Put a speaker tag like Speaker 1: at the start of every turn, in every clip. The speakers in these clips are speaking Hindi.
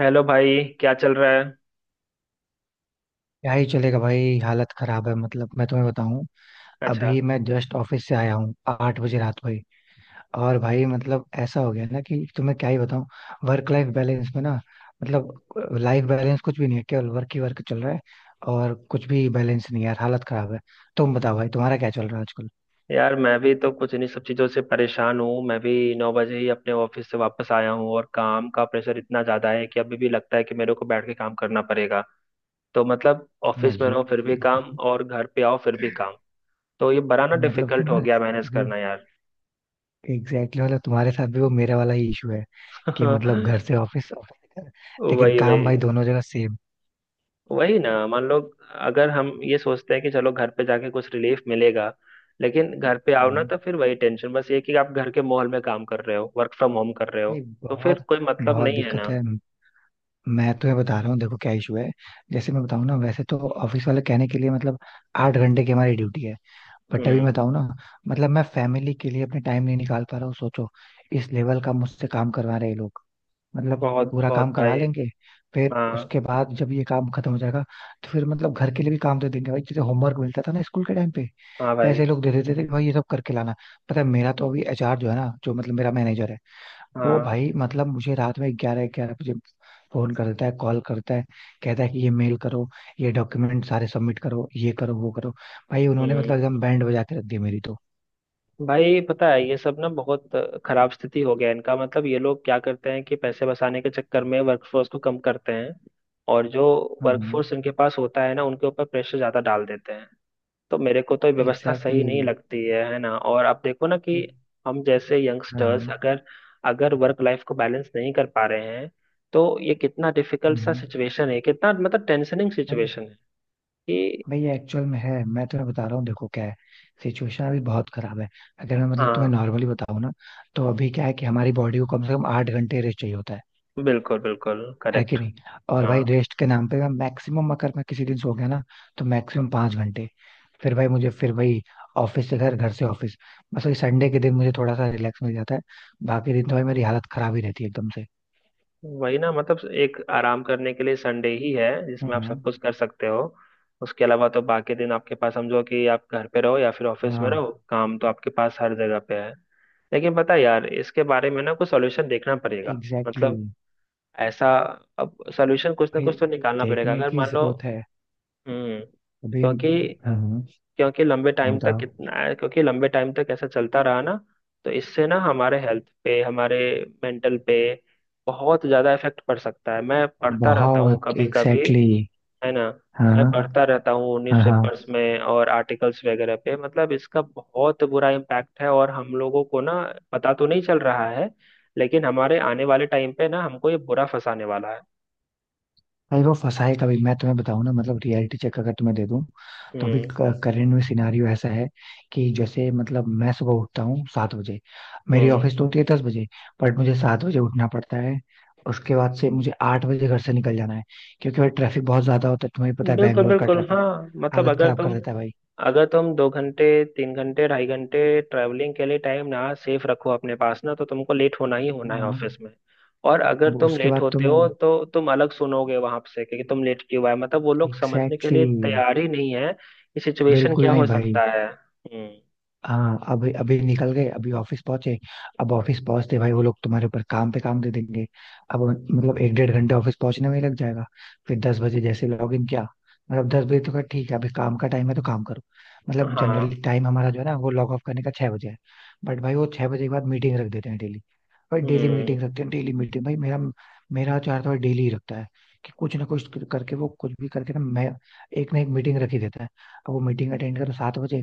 Speaker 1: हेलो भाई, क्या चल रहा है?
Speaker 2: क्या ही चलेगा भाई। हालत खराब है, मतलब मैं तुम्हें बताऊं।
Speaker 1: अच्छा।
Speaker 2: अभी मैं जस्ट ऑफिस से आया हूँ 8 बजे रात को ही। और भाई मतलब ऐसा हो गया ना कि तुम्हें क्या ही बताऊं। वर्क लाइफ बैलेंस में ना। मतलब लाइफ बैलेंस कुछ भी नहीं है, केवल वर्क ही वर्क चल रहा है। और कुछ भी बैलेंस नहीं है यार, हालत खराब है। तुम बताओ भाई, तुम्हारा क्या चल रहा है आजकल?
Speaker 1: यार, मैं भी तो कुछ इन्हीं सब चीज़ों से परेशान हूँ। मैं भी 9 बजे ही अपने ऑफिस से वापस आया हूँ और काम का प्रेशर इतना ज़्यादा है कि अभी भी लगता है कि मेरे को बैठ के काम करना पड़ेगा। तो मतलब
Speaker 2: ना
Speaker 1: ऑफिस में
Speaker 2: ये।
Speaker 1: रहो फिर भी काम, और घर पे आओ फिर भी काम। तो ये बड़ा ना
Speaker 2: मतलब
Speaker 1: डिफिकल्ट हो
Speaker 2: तुम्हारे
Speaker 1: गया मैनेज
Speaker 2: साथ भी
Speaker 1: करना यार।
Speaker 2: एग्जैक्टली, मतलब तुम्हारे साथ भी वो मेरे वाला ही इशू है। कि मतलब घर से ऑफिस, ऑफिस से घर। लेकिन
Speaker 1: वही,
Speaker 2: काम
Speaker 1: वही।
Speaker 2: भाई दोनों जगह।
Speaker 1: वही ना, मान लो, अगर हम ये सोचते हैं कि चलो घर पे जाके कुछ रिलीफ मिलेगा, लेकिन घर पे आओ ना
Speaker 2: सेम।
Speaker 1: तो फिर वही टेंशन, बस ये कि आप घर के माहौल में काम कर रहे हो, वर्क फ्रॉम होम कर रहे हो।
Speaker 2: भाई
Speaker 1: तो फिर
Speaker 2: बहुत।
Speaker 1: कोई मतलब
Speaker 2: बहुत
Speaker 1: नहीं है
Speaker 2: दिक्कत
Speaker 1: ना।
Speaker 2: है। मैं तुम्हें बता रहा हूँ, देखो क्या इशू है। जैसे मैं बताऊँ ना, वैसे तो ऑफिस वाले कहने के लिए मतलब 8 घंटे की हमारी ड्यूटी है। बट अभी मैं
Speaker 1: हम्म।
Speaker 2: बताऊँ ना। मतलब मैं फैमिली के लिए अपने टाइम नहीं निकाल पा रहा हूँ, सोचो। इस लेवल का मुझसे काम करवा रहे हैं ये लोग मतलब।
Speaker 1: बहुत
Speaker 2: पूरा
Speaker 1: बहुत
Speaker 2: काम करवा
Speaker 1: भाई।
Speaker 2: लेंगे। फिर
Speaker 1: हाँ।
Speaker 2: उसके बाद जब ये काम खत्म हो जाएगा, तो फिर मतलब घर के लिए भी काम दे देंगे भाई, जैसे होमवर्क मिलता था ना स्कूल के टाइम पे।
Speaker 1: हाँ भाई।
Speaker 2: वैसे ये लोग दे देते थे कि भाई ये सब करके लाना। पता है, मेरा तो अभी HR जो है ना, जो मतलब मेरा मैनेजर है, वो
Speaker 1: हाँ।
Speaker 2: भाई मतलब मुझे रात में 11-11 बजे फोन करता है, कॉल करता है। कहता है कि ये मेल करो, ये डॉक्यूमेंट सारे सबमिट करो, ये करो वो करो। भाई उन्होंने मतलब
Speaker 1: हम्म।
Speaker 2: एकदम बैंड बजा के रख दी मेरी तो।
Speaker 1: भाई पता है ये सब ना बहुत खराब स्थिति हो गया है। इनका मतलब ये लोग क्या करते हैं कि पैसे बचाने के चक्कर में वर्कफोर्स को कम करते हैं। और जो
Speaker 2: हम्म।
Speaker 1: वर्कफोर्स इनके पास होता है ना, उनके ऊपर प्रेशर ज्यादा डाल देते हैं। तो मेरे को तो ये व्यवस्था सही नहीं
Speaker 2: एग्जैक्टली।
Speaker 1: लगती है ना। और आप देखो ना कि
Speaker 2: ये।
Speaker 1: हम जैसे
Speaker 2: हाँ हाँ,
Speaker 1: यंगस्टर्स
Speaker 2: हम्म।
Speaker 1: अगर अगर वर्क लाइफ को बैलेंस नहीं कर पा रहे हैं, तो ये कितना डिफिकल्ट सा
Speaker 2: हम्म।
Speaker 1: सिचुएशन है, कितना मतलब टेंशनिंग
Speaker 2: भाई।
Speaker 1: सिचुएशन है कि।
Speaker 2: भाई ये एक्चुअल में है, मैं तुम्हें बता रहा हूँ, देखो क्या है। सिचुएशन अभी बहुत खराब है। अगर मैं मतलब तुम्हें
Speaker 1: हाँ,
Speaker 2: नॉर्मली बताऊँ ना, तो अभी क्या है कि हमारी बॉडी को कम से कम 8 घंटे रेस्ट चाहिए होता है।
Speaker 1: बिल्कुल बिल्कुल
Speaker 2: है कि
Speaker 1: करेक्ट।
Speaker 2: नहीं? और
Speaker 1: हाँ।
Speaker 2: भाई रेस्ट के नाम पे, मैं मैक्सिमम, अगर मैं किसी दिन सो गया ना, तो मैक्सिमम 5 घंटे। फिर भाई मुझे फिर वही, ऑफिस से घर, घर से ऑफिस। बस वही संडे के दिन मुझे थोड़ा सा रिलैक्स मिल जाता है। बाकी दिन तो भाई मेरी हालत खराब ही रहती है एकदम से।
Speaker 1: वही ना, मतलब एक आराम करने के लिए संडे ही है जिसमें आप सब
Speaker 2: हम्म,
Speaker 1: कुछ कर सकते हो। उसके अलावा तो बाकी दिन आपके पास समझो कि आप घर पे रहो या फिर ऑफिस में
Speaker 2: हाँ।
Speaker 1: रहो, काम तो आपके पास हर जगह पे है। लेकिन पता है यार, इसके बारे में ना कुछ सॉल्यूशन देखना पड़ेगा।
Speaker 2: एग्जैक्टली
Speaker 1: मतलब
Speaker 2: exactly.
Speaker 1: ऐसा, अब सॉल्यूशन कुछ ना
Speaker 2: भाई।
Speaker 1: कुछ तो निकालना पड़ेगा,
Speaker 2: देखने
Speaker 1: अगर
Speaker 2: की
Speaker 1: मान लो।
Speaker 2: जरूरत है
Speaker 1: हम्म।
Speaker 2: अभी।
Speaker 1: क्योंकि
Speaker 2: हम्म।
Speaker 1: क्योंकि लंबे टाइम तक
Speaker 2: बताओ।
Speaker 1: कितना क्योंकि लंबे टाइम तक ऐसा चलता रहा ना, तो इससे ना हमारे हेल्थ पे, हमारे मेंटल पे बहुत ज्यादा इफेक्ट पड़ सकता है। मैं पढ़ता रहता हूँ
Speaker 2: बहुत।
Speaker 1: कभी कभी,
Speaker 2: एग्जैक्टली exactly.
Speaker 1: है ना। मैं पढ़ता
Speaker 2: हाँ,
Speaker 1: रहता हूँ
Speaker 2: हाँ, हाँ।
Speaker 1: न्यूज़पेपर्स में और आर्टिकल्स वगैरह पे, मतलब इसका बहुत बुरा इम्पैक्ट है, और हम लोगों को ना पता तो नहीं चल रहा है, लेकिन हमारे आने वाले टाइम पे ना हमको ये बुरा फंसाने वाला है।
Speaker 2: भाई वो फंसा है, कभी मैं तुम्हें बताऊं ना, मतलब रियलिटी चेक अगर तुम्हें दे दूं, तो अभी
Speaker 1: हम्म।
Speaker 2: करेंट में सिनारियो ऐसा है। कि जैसे मतलब मैं सुबह उठता हूँ 7 बजे। मेरी
Speaker 1: हम्म।
Speaker 2: ऑफिस तो होती है 10 बजे। बट मुझे 7 बजे उठना पड़ता है। उसके बाद से मुझे 8 बजे घर से निकल जाना है, क्योंकि भाई ट्रैफिक बहुत ज्यादा होता है, तुम्हें पता है
Speaker 1: बिल्कुल
Speaker 2: बैंगलोर का
Speaker 1: बिल्कुल।
Speaker 2: ट्रैफिक।
Speaker 1: हाँ, मतलब
Speaker 2: हालत
Speaker 1: अगर
Speaker 2: खराब कर
Speaker 1: तुम
Speaker 2: देता है भाई।
Speaker 1: अगर तुम 2 घंटे, 3 घंटे, 2.5 घंटे ट्रैवलिंग के लिए टाइम ना सेफ रखो अपने पास ना, तो तुमको लेट होना ही होना है
Speaker 2: हम्म।
Speaker 1: ऑफिस में। और अगर
Speaker 2: वो
Speaker 1: तुम
Speaker 2: उसके
Speaker 1: लेट
Speaker 2: बाद
Speaker 1: होते
Speaker 2: तुम।
Speaker 1: हो, तो तुम अलग सुनोगे वहां से कि तुम लेट क्यों आए, मतलब वो लोग समझने के
Speaker 2: एग्जैक्टली
Speaker 1: लिए
Speaker 2: exactly,
Speaker 1: तैयार ही नहीं है कि सिचुएशन
Speaker 2: बिल्कुल
Speaker 1: क्या
Speaker 2: नहीं
Speaker 1: हो
Speaker 2: भाई।
Speaker 1: सकता है। हम्म।
Speaker 2: हाँ, अभी अभी निकल गए, अभी ऑफिस पहुंचे। अब ऑफिस पहुंचते भाई वो लोग तुम्हारे ऊपर काम पे काम दे देंगे। अब मतलब एक डेढ़ घंटे ऑफिस पहुंचने में ही लग जाएगा। फिर 10 बजे जैसे लॉग इन किया, मतलब 10 बजे तो खैर ठीक है, अभी काम का टाइम है तो काम करो। मतलब
Speaker 1: हाँ।
Speaker 2: जनरली टाइम हमारा जो है ना, वो लॉग ऑफ करने का 6 बजे है। बट भाई वो 6 बजे के बाद मीटिंग रख देते हैं डेली। भाई डेली
Speaker 1: हम्म।
Speaker 2: मीटिंग रखते हैं, डेली मीटिंग। भाई मेरा मेरा चार तो यार थोड़ा डेली ही रखता है, कि कुछ ना कुछ करके, वो कुछ भी करके ना, मैं एक ना एक मीटिंग रख ही देता है। अब वो मीटिंग अटेंड करो 7 बजे।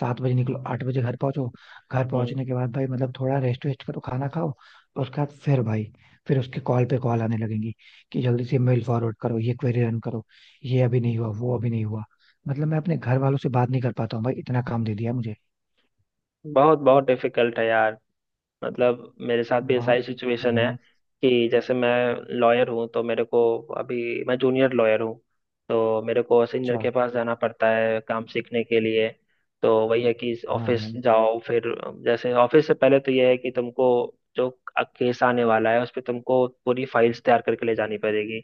Speaker 2: 7 बजे निकलो, 8 बजे घर पहुंचो। घर
Speaker 1: हम्म।
Speaker 2: पहुंचने के बाद भाई मतलब थोड़ा रेस्ट वेस्ट करो, खाना खाओ। और उसके बाद फिर भाई, फिर उसके कॉल पे कॉल आने लगेंगी कि जल्दी से मेल फॉरवर्ड करो, ये क्वेरी रन करो, ये अभी नहीं हुआ, वो अभी नहीं हुआ। मतलब मैं अपने घर वालों से बात नहीं कर पाता हूँ भाई, इतना काम दे दिया मुझे।
Speaker 1: बहुत बहुत डिफिकल्ट है यार। मतलब मेरे साथ भी ऐसा
Speaker 2: बात।
Speaker 1: ही
Speaker 2: हाँ
Speaker 1: सिचुएशन है
Speaker 2: हाँ,
Speaker 1: कि जैसे मैं लॉयर हूँ, तो मेरे को, अभी मैं जूनियर लॉयर हूँ तो मेरे को सीनियर
Speaker 2: अच्छा।
Speaker 1: के पास जाना पड़ता है काम सीखने के लिए। तो वही है कि
Speaker 2: हाँ,
Speaker 1: ऑफिस
Speaker 2: हाँ,
Speaker 1: जाओ फिर, जैसे ऑफिस से पहले तो यह है कि तुमको जो केस आने वाला है उस पर तुमको पूरी फाइल्स तैयार करके ले जानी पड़ेगी।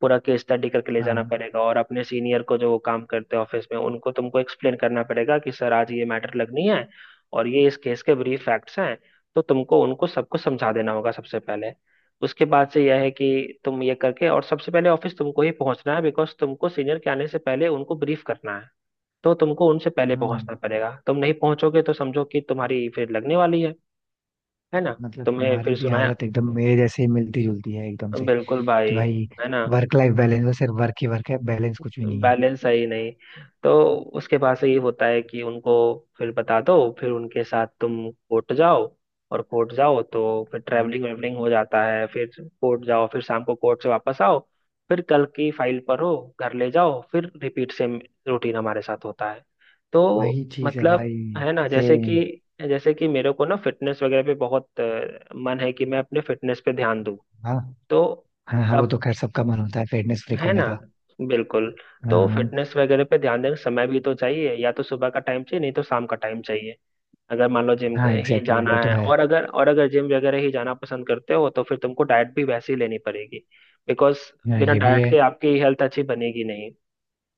Speaker 1: पूरा केस स्टडी करके ले जाना
Speaker 2: हाँ।
Speaker 1: पड़ेगा और अपने सीनियर को, जो काम करते हैं ऑफिस में, उनको तुमको एक्सप्लेन करना पड़ेगा कि सर आज ये मैटर लगनी है और ये इस केस के ब्रीफ फैक्ट्स हैं। तो तुमको उनको सबको समझा देना होगा सबसे पहले। उसके बाद से यह है कि तुम ये करके, और सबसे पहले ऑफिस तुमको ही पहुंचना है बिकॉज तुमको सीनियर के आने से पहले उनको ब्रीफ करना है। तो तुमको उनसे पहले
Speaker 2: हम्म।
Speaker 1: पहुंचना पड़ेगा, तुम नहीं पहुंचोगे तो समझो कि तुम्हारी फिर लगने वाली है ना।
Speaker 2: मतलब
Speaker 1: तुम्हें
Speaker 2: तुम्हारी
Speaker 1: फिर
Speaker 2: भी
Speaker 1: सुनाया।
Speaker 2: हालत एकदम मेरे जैसे ही मिलती जुलती है एकदम से,
Speaker 1: बिल्कुल भाई,
Speaker 2: कि भाई
Speaker 1: है ना।
Speaker 2: वर्क लाइफ बैलेंस में सिर्फ वर्क ही वर्क है, बैलेंस कुछ भी नहीं है।
Speaker 1: बैलेंस है ही नहीं। तो उसके पास से ये होता है कि उनको फिर बता दो, फिर उनके साथ तुम कोर्ट जाओ, और कोर्ट जाओ तो फिर
Speaker 2: हाँ।
Speaker 1: ट्रैवलिंग वेवलिंग हो जाता है फिर। कोर्ट जाओ, फिर शाम को कोर्ट से वापस आओ, फिर कल की फाइल पर हो, घर ले जाओ, फिर रिपीट सेम रूटीन हमारे साथ होता है। तो
Speaker 2: वही चीज है
Speaker 1: मतलब,
Speaker 2: भाई।
Speaker 1: है ना,
Speaker 2: से।
Speaker 1: जैसे कि मेरे को ना फिटनेस वगैरह पे बहुत मन है कि मैं अपने फिटनेस पे ध्यान दूं।
Speaker 2: हाँ,
Speaker 1: तो
Speaker 2: हाँ, हाँ, वो
Speaker 1: अब,
Speaker 2: तो खैर सबका मन होता है फिटनेस फ्रीक
Speaker 1: है
Speaker 2: होने
Speaker 1: ना,
Speaker 2: का।
Speaker 1: बिल्कुल। तो
Speaker 2: हाँ,
Speaker 1: फिटनेस वगैरह पे ध्यान देना समय भी तो चाहिए, या तो सुबह का टाइम चाहिए नहीं तो शाम का टाइम चाहिए। अगर मान लो जिम
Speaker 2: हाँ,
Speaker 1: ही
Speaker 2: एग्जैक्टली वो
Speaker 1: जाना
Speaker 2: तो
Speaker 1: है,
Speaker 2: है।
Speaker 1: और अगर जिम वगैरह ही जाना पसंद करते हो तो फिर तुमको डाइट भी वैसे ही लेनी पड़ेगी, बिकॉज
Speaker 2: हाँ,
Speaker 1: बिना
Speaker 2: ये भी
Speaker 1: डाइट
Speaker 2: है।
Speaker 1: के आपकी हेल्थ अच्छी बनेगी नहीं।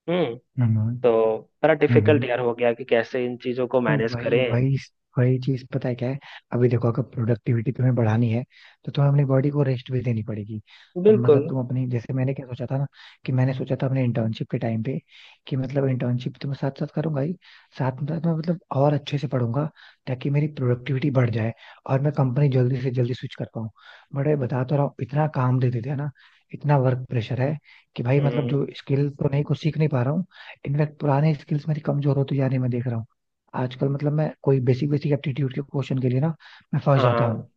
Speaker 1: हम्म।
Speaker 2: हम्म,
Speaker 1: तो
Speaker 2: हम्म।
Speaker 1: बड़ा डिफिकल्ट
Speaker 2: हम्म।
Speaker 1: यार हो गया कि कैसे इन चीजों को
Speaker 2: तो
Speaker 1: मैनेज
Speaker 2: वही
Speaker 1: करें।
Speaker 2: वही। वही चीज पता है क्या है। अभी देखो, अगर प्रोडक्टिविटी तुम्हें बढ़ानी है, तो तुम्हें अपनी बॉडी को रेस्ट भी देनी पड़ेगी। अब
Speaker 1: बिल्कुल।
Speaker 2: मतलब तुम अपनी जैसे मैंने क्या सोचा था ना, कि मैंने सोचा था अपने इंटर्नशिप के टाइम पे, कि मतलब इंटर्नशिप तो मैं साथ साथ करूंगा ही, साथ में मतलब और अच्छे से पढ़ूंगा, ताकि मेरी प्रोडक्टिविटी बढ़ जाए और मैं कंपनी जल्दी से जल्दी स्विच कर पाऊँ। बट ये बता तो रहा हूँ, इतना काम दे देते हैं ना, इतना वर्क प्रेशर है, कि भाई मतलब
Speaker 1: हम्म।
Speaker 2: जो स्किल तो नहीं, कुछ सीख नहीं पा रहा हूँ। इनफैक्ट पुराने स्किल्स मेरी कमजोर होती जा रही, मैं देख रहा हूँ। आजकल मतलब मैं कोई बेसिक बेसिक एप्टीट्यूड के क्वेश्चन के लिए ना, मैं फंस जाता हूँ।
Speaker 1: हाँ,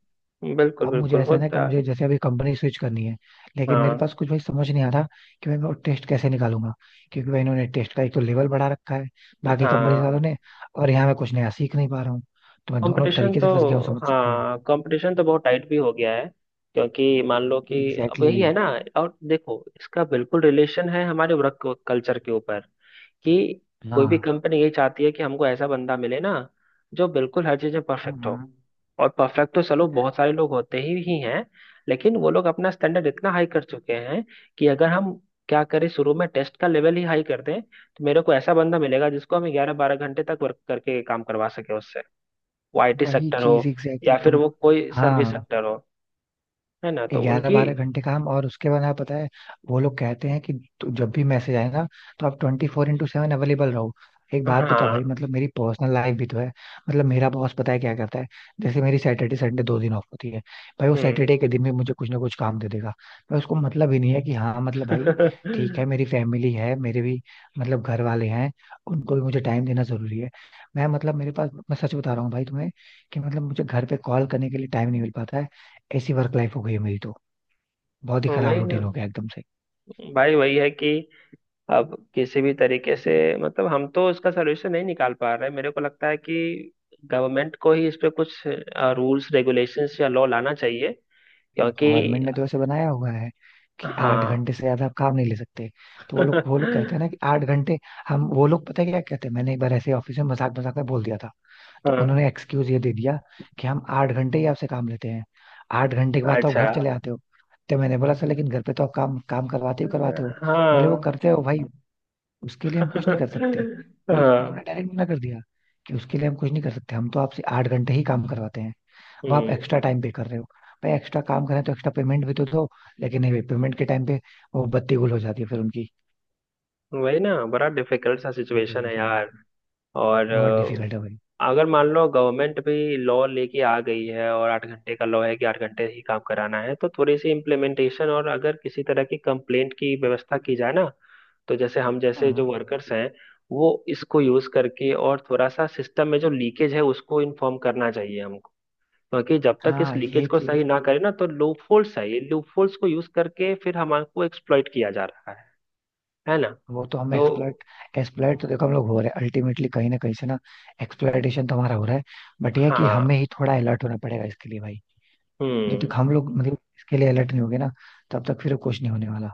Speaker 1: बिल्कुल
Speaker 2: अब मुझे
Speaker 1: बिल्कुल
Speaker 2: ऐसा है ना कि
Speaker 1: होता।
Speaker 2: मुझे जैसे अभी कंपनी स्विच करनी है, लेकिन मेरे
Speaker 1: हाँ।
Speaker 2: पास कुछ भाई समझ नहीं आ रहा कि भाई मैं टेस्ट कैसे निकालूंगा। क्योंकि भाई इन्होंने टेस्ट का एक तो लेवल बढ़ा रखा है बाकी कंपनी
Speaker 1: हाँ।
Speaker 2: वालों ने, और यहाँ मैं कुछ नया सीख नहीं पा रहा हूँ। तो मैं दोनों
Speaker 1: कंपटीशन
Speaker 2: तरीके से
Speaker 1: तो
Speaker 2: फंस गया हूँ, समझ सकते हो।
Speaker 1: हाँ, कंपटीशन तो बहुत टाइट भी हो गया है। क्योंकि मान लो कि अब
Speaker 2: एग्जैक्टली
Speaker 1: यही है
Speaker 2: exactly,
Speaker 1: ना। और देखो इसका बिल्कुल रिलेशन है हमारे वर्क कल्चर के ऊपर कि कोई भी
Speaker 2: हाँ।
Speaker 1: कंपनी यही चाहती है कि हमको ऐसा बंदा मिले ना जो बिल्कुल हर चीज में परफेक्ट हो।
Speaker 2: हम्म,
Speaker 1: और परफेक्ट तो चलो बहुत सारे लोग होते ही हैं, लेकिन वो लोग अपना स्टैंडर्ड इतना हाई कर चुके हैं कि अगर हम क्या करें शुरू में टेस्ट का लेवल ही हाई कर दें, तो मेरे को ऐसा बंदा मिलेगा जिसको हम 11-12 घंटे तक वर्क करके काम करवा सके। वो आईटी
Speaker 2: वही
Speaker 1: सेक्टर हो
Speaker 2: चीज एग्जैक्टली
Speaker 1: या
Speaker 2: exactly,
Speaker 1: फिर
Speaker 2: तुम।
Speaker 1: वो कोई सर्विस
Speaker 2: हाँ।
Speaker 1: सेक्टर हो, है ना। तो
Speaker 2: ग्यारह
Speaker 1: उनकी।
Speaker 2: बारह घंटे का हम, और उसके बाद यहाँ पता है, वो लोग कहते हैं कि तो जब भी मैसेज आए ना, तो आप 24/7 अवेलेबल रहो। एक बात बताओ
Speaker 1: हाँ।
Speaker 2: भाई, मतलब मेरी पर्सनल लाइफ भी तो है। मतलब मेरा बॉस पता है क्या करता है, जैसे मेरी सैटरडे संडे 2 दिन ऑफ होती है, भाई वो
Speaker 1: हम्म।
Speaker 2: सैटरडे के दिन भी मुझे कुछ ना कुछ काम दे देगा। भाई उसको मतलब ही नहीं है कि हाँ मतलब भाई, ठीक है मेरी फैमिली है मेरे भी, मतलब घर वाले हैं, उनको भी मुझे टाइम देना जरूरी है। मैं, मतलब मेरे पास, मैं सच बता रहा हूँ भाई तुम्हें कि मतलब मुझे घर पे कॉल करने के लिए टाइम नहीं मिल पाता है। ऐसी वर्क लाइफ हो गई है मेरी तो, बहुत ही खराब
Speaker 1: वही ना
Speaker 2: रूटीन हो गया एकदम से।
Speaker 1: भाई, वही है कि अब किसी भी तरीके से, मतलब हम तो इसका सोल्यूशन नहीं निकाल पा रहे। मेरे को लगता है कि गवर्नमेंट को ही इस पे कुछ रूल्स रेगुलेशंस या लॉ लाना चाहिए क्योंकि।
Speaker 2: गवर्नमेंट ने तो ऐसे बनाया हुआ है कि आठ
Speaker 1: हाँ।
Speaker 2: घंटे से ज्यादा आप काम नहीं ले सकते। तो वो लोग कहते हैं ना कि 8 घंटे। हम वो लोग पता है क्या कहते हैं, मैंने एक बार ऐसे ऑफिस में मजाक मजाक में बोल दिया था, तो
Speaker 1: हाँ।
Speaker 2: उन्होंने एक्सक्यूज ये दे दिया कि हम 8 घंटे ही आपसे काम लेते हैं, 8 घंटे के बाद तो आप
Speaker 1: अच्छा।
Speaker 2: घर चले आते हो। तो मैंने बोला सर, लेकिन घर पे तो आप काम काम करवाते हो करवाते हो। बोले वो
Speaker 1: हाँ।
Speaker 2: करते हो भाई, उसके लिए हम कुछ नहीं कर सकते। भाई
Speaker 1: हाँ।
Speaker 2: उन्होंने डायरेक्ट मना कर दिया कि उसके लिए हम कुछ नहीं कर सकते, हम तो आपसे 8 घंटे ही काम करवाते हैं। अब आप
Speaker 1: हम्म।
Speaker 2: एक्स्ट्रा टाइम पे कर रहे हो, भाई एक्स्ट्रा काम करें तो एक्स्ट्रा पेमेंट भी तो दो। लेकिन नहीं भाई, पेमेंट के टाइम पे वो बत्ती गुल हो जाती है फिर उनकी।
Speaker 1: वही ना, बड़ा डिफिकल्ट सा
Speaker 2: ये
Speaker 1: सिचुएशन है
Speaker 2: कंडीशन है भाई,
Speaker 1: यार। और
Speaker 2: बहुत डिफिकल्ट है भाई।
Speaker 1: अगर मान लो गवर्नमेंट भी लॉ लेके आ गई है और 8 घंटे का लॉ है कि 8 घंटे ही काम कराना है, तो थोड़ी सी इम्प्लीमेंटेशन और अगर किसी तरह की कंप्लेंट की व्यवस्था की जाए ना, तो जैसे हम, जैसे जो
Speaker 2: हाँ
Speaker 1: वर्कर्स हैं, वो इसको यूज करके और थोड़ा सा सिस्टम में जो लीकेज है उसको इन्फॉर्म करना चाहिए हमको। क्योंकि जब तक इस
Speaker 2: हाँ,
Speaker 1: लीकेज
Speaker 2: ये
Speaker 1: को
Speaker 2: चीज।
Speaker 1: सही ना करें ना, तो लूपहोल्स है, ये लूपहोल्स को यूज करके फिर हमको एक्सप्लॉइट किया जा रहा है ना।
Speaker 2: वो तो हम
Speaker 1: तो
Speaker 2: एक्सप्लॉइट। एक्सप्लॉइट तो देखो हम लोग हो रहे हैं अल्टीमेटली कहीं ना कहीं से ना, एक्सप्लॉइटेशन तो हमारा हो रहा है। बट ये है कि
Speaker 1: हाँ।
Speaker 2: हमें ही थोड़ा अलर्ट होना पड़ेगा इसके लिए भाई। जब
Speaker 1: हम्म।
Speaker 2: तक हम लोग मतलब इसके लिए अलर्ट नहीं होंगे ना, तब तक फिर कुछ नहीं होने वाला।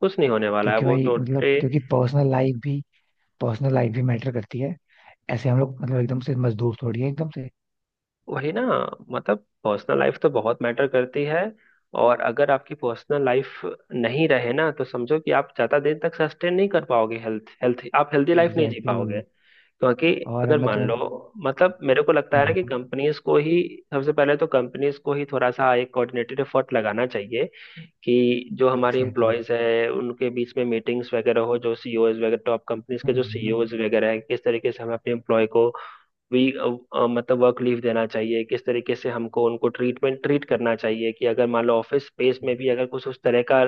Speaker 1: कुछ नहीं होने वाला है
Speaker 2: क्योंकि
Speaker 1: वो
Speaker 2: भाई मतलब,
Speaker 1: टोटली।
Speaker 2: क्योंकि पर्सनल लाइफ भी, पर्सनल लाइफ भी मैटर करती है। ऐसे हम लोग मतलब एकदम से मजदूर थोड़ी है एकदम से।
Speaker 1: वही ना, मतलब पर्सनल लाइफ तो बहुत मैटर करती है, और अगर आपकी पर्सनल लाइफ नहीं रहे ना, तो समझो कि आप ज्यादा दिन तक सस्टेन नहीं कर पाओगे, हेल्थ हेल्थ आप हेल्दी लाइफ नहीं जी
Speaker 2: एग्जैक्टली
Speaker 1: पाओगे
Speaker 2: exactly.
Speaker 1: क्योंकि
Speaker 2: और
Speaker 1: अगर
Speaker 2: मैं
Speaker 1: मान
Speaker 2: तुम्हें।
Speaker 1: लो, मतलब मेरे को लगता है ना कि
Speaker 2: हाँ
Speaker 1: कंपनीज को ही, सबसे पहले तो कंपनीज को ही थोड़ा सा एक कोऑर्डिनेटेड एफर्ट लगाना चाहिए कि जो हमारे
Speaker 2: एग्जैक्टली exactly.
Speaker 1: एम्प्लॉयज हैं उनके बीच में मीटिंग्स वगैरह हो, जो सीईओज वगैरह टॉप कंपनीज के जो सीईओज वगैरह हैं, किस तरीके से हमें अपने एम्प्लॉय को वी मतलब वर्क लीव देना चाहिए, किस तरीके से हमको उनको ट्रीट करना चाहिए। कि अगर मान लो ऑफिस स्पेस में भी अगर कुछ उस तरह का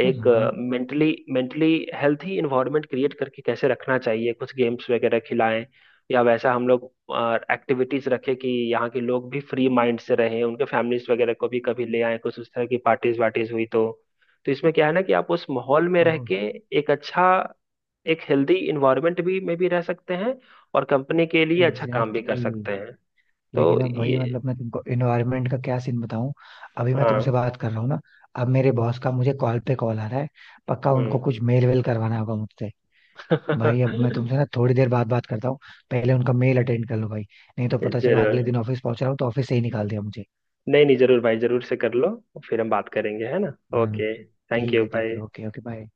Speaker 1: एक
Speaker 2: हाँ।
Speaker 1: Mentally mentally healthy environment create करके कैसे रखना चाहिए, कुछ गेम्स वगैरह खिलाएं, या वैसा हम लोग एक्टिविटीज रखें कि यहाँ के लोग भी फ्री माइंड से रहें, उनके फैमिलीज वगैरह को भी कभी ले आएं, कुछ उस तरह की पार्टीज वार्टीज हुई तो। तो इसमें क्या है ना कि आप उस माहौल में रह
Speaker 2: अब
Speaker 1: के एक अच्छा एक हेल्दी इन्वायरमेंट भी में भी रह सकते हैं और कंपनी के लिए अच्छा काम भी
Speaker 2: एग्जैक्टली
Speaker 1: कर
Speaker 2: exactly.
Speaker 1: सकते हैं। तो
Speaker 2: लेकिन अब भाई
Speaker 1: ये।
Speaker 2: मतलब मैं तुमको इन्वायरमेंट का क्या सीन बताऊं। अभी मैं
Speaker 1: हाँ।
Speaker 2: तुमसे बात कर रहा हूँ ना, अब मेरे बॉस का मुझे कॉल पे कॉल आ रहा है, पक्का उनको
Speaker 1: हम्म।
Speaker 2: कुछ मेल वेल करवाना होगा मुझसे। भाई अब मैं तुमसे ना थोड़ी देर बाद बात करता हूँ, पहले उनका मेल अटेंड कर लो भाई, नहीं तो पता चला
Speaker 1: जरूर।
Speaker 2: अगले दिन ऑफिस पहुंच रहा हूँ तो ऑफिस से ही निकाल दिया मुझे।
Speaker 1: नहीं नहीं, जरूर भाई, जरूर से कर लो, फिर हम बात करेंगे, है ना।
Speaker 2: हाँ,
Speaker 1: ओके, थैंक
Speaker 2: ठीक
Speaker 1: यू,
Speaker 2: है ठीक है,
Speaker 1: बाय।
Speaker 2: Okay okay, bye.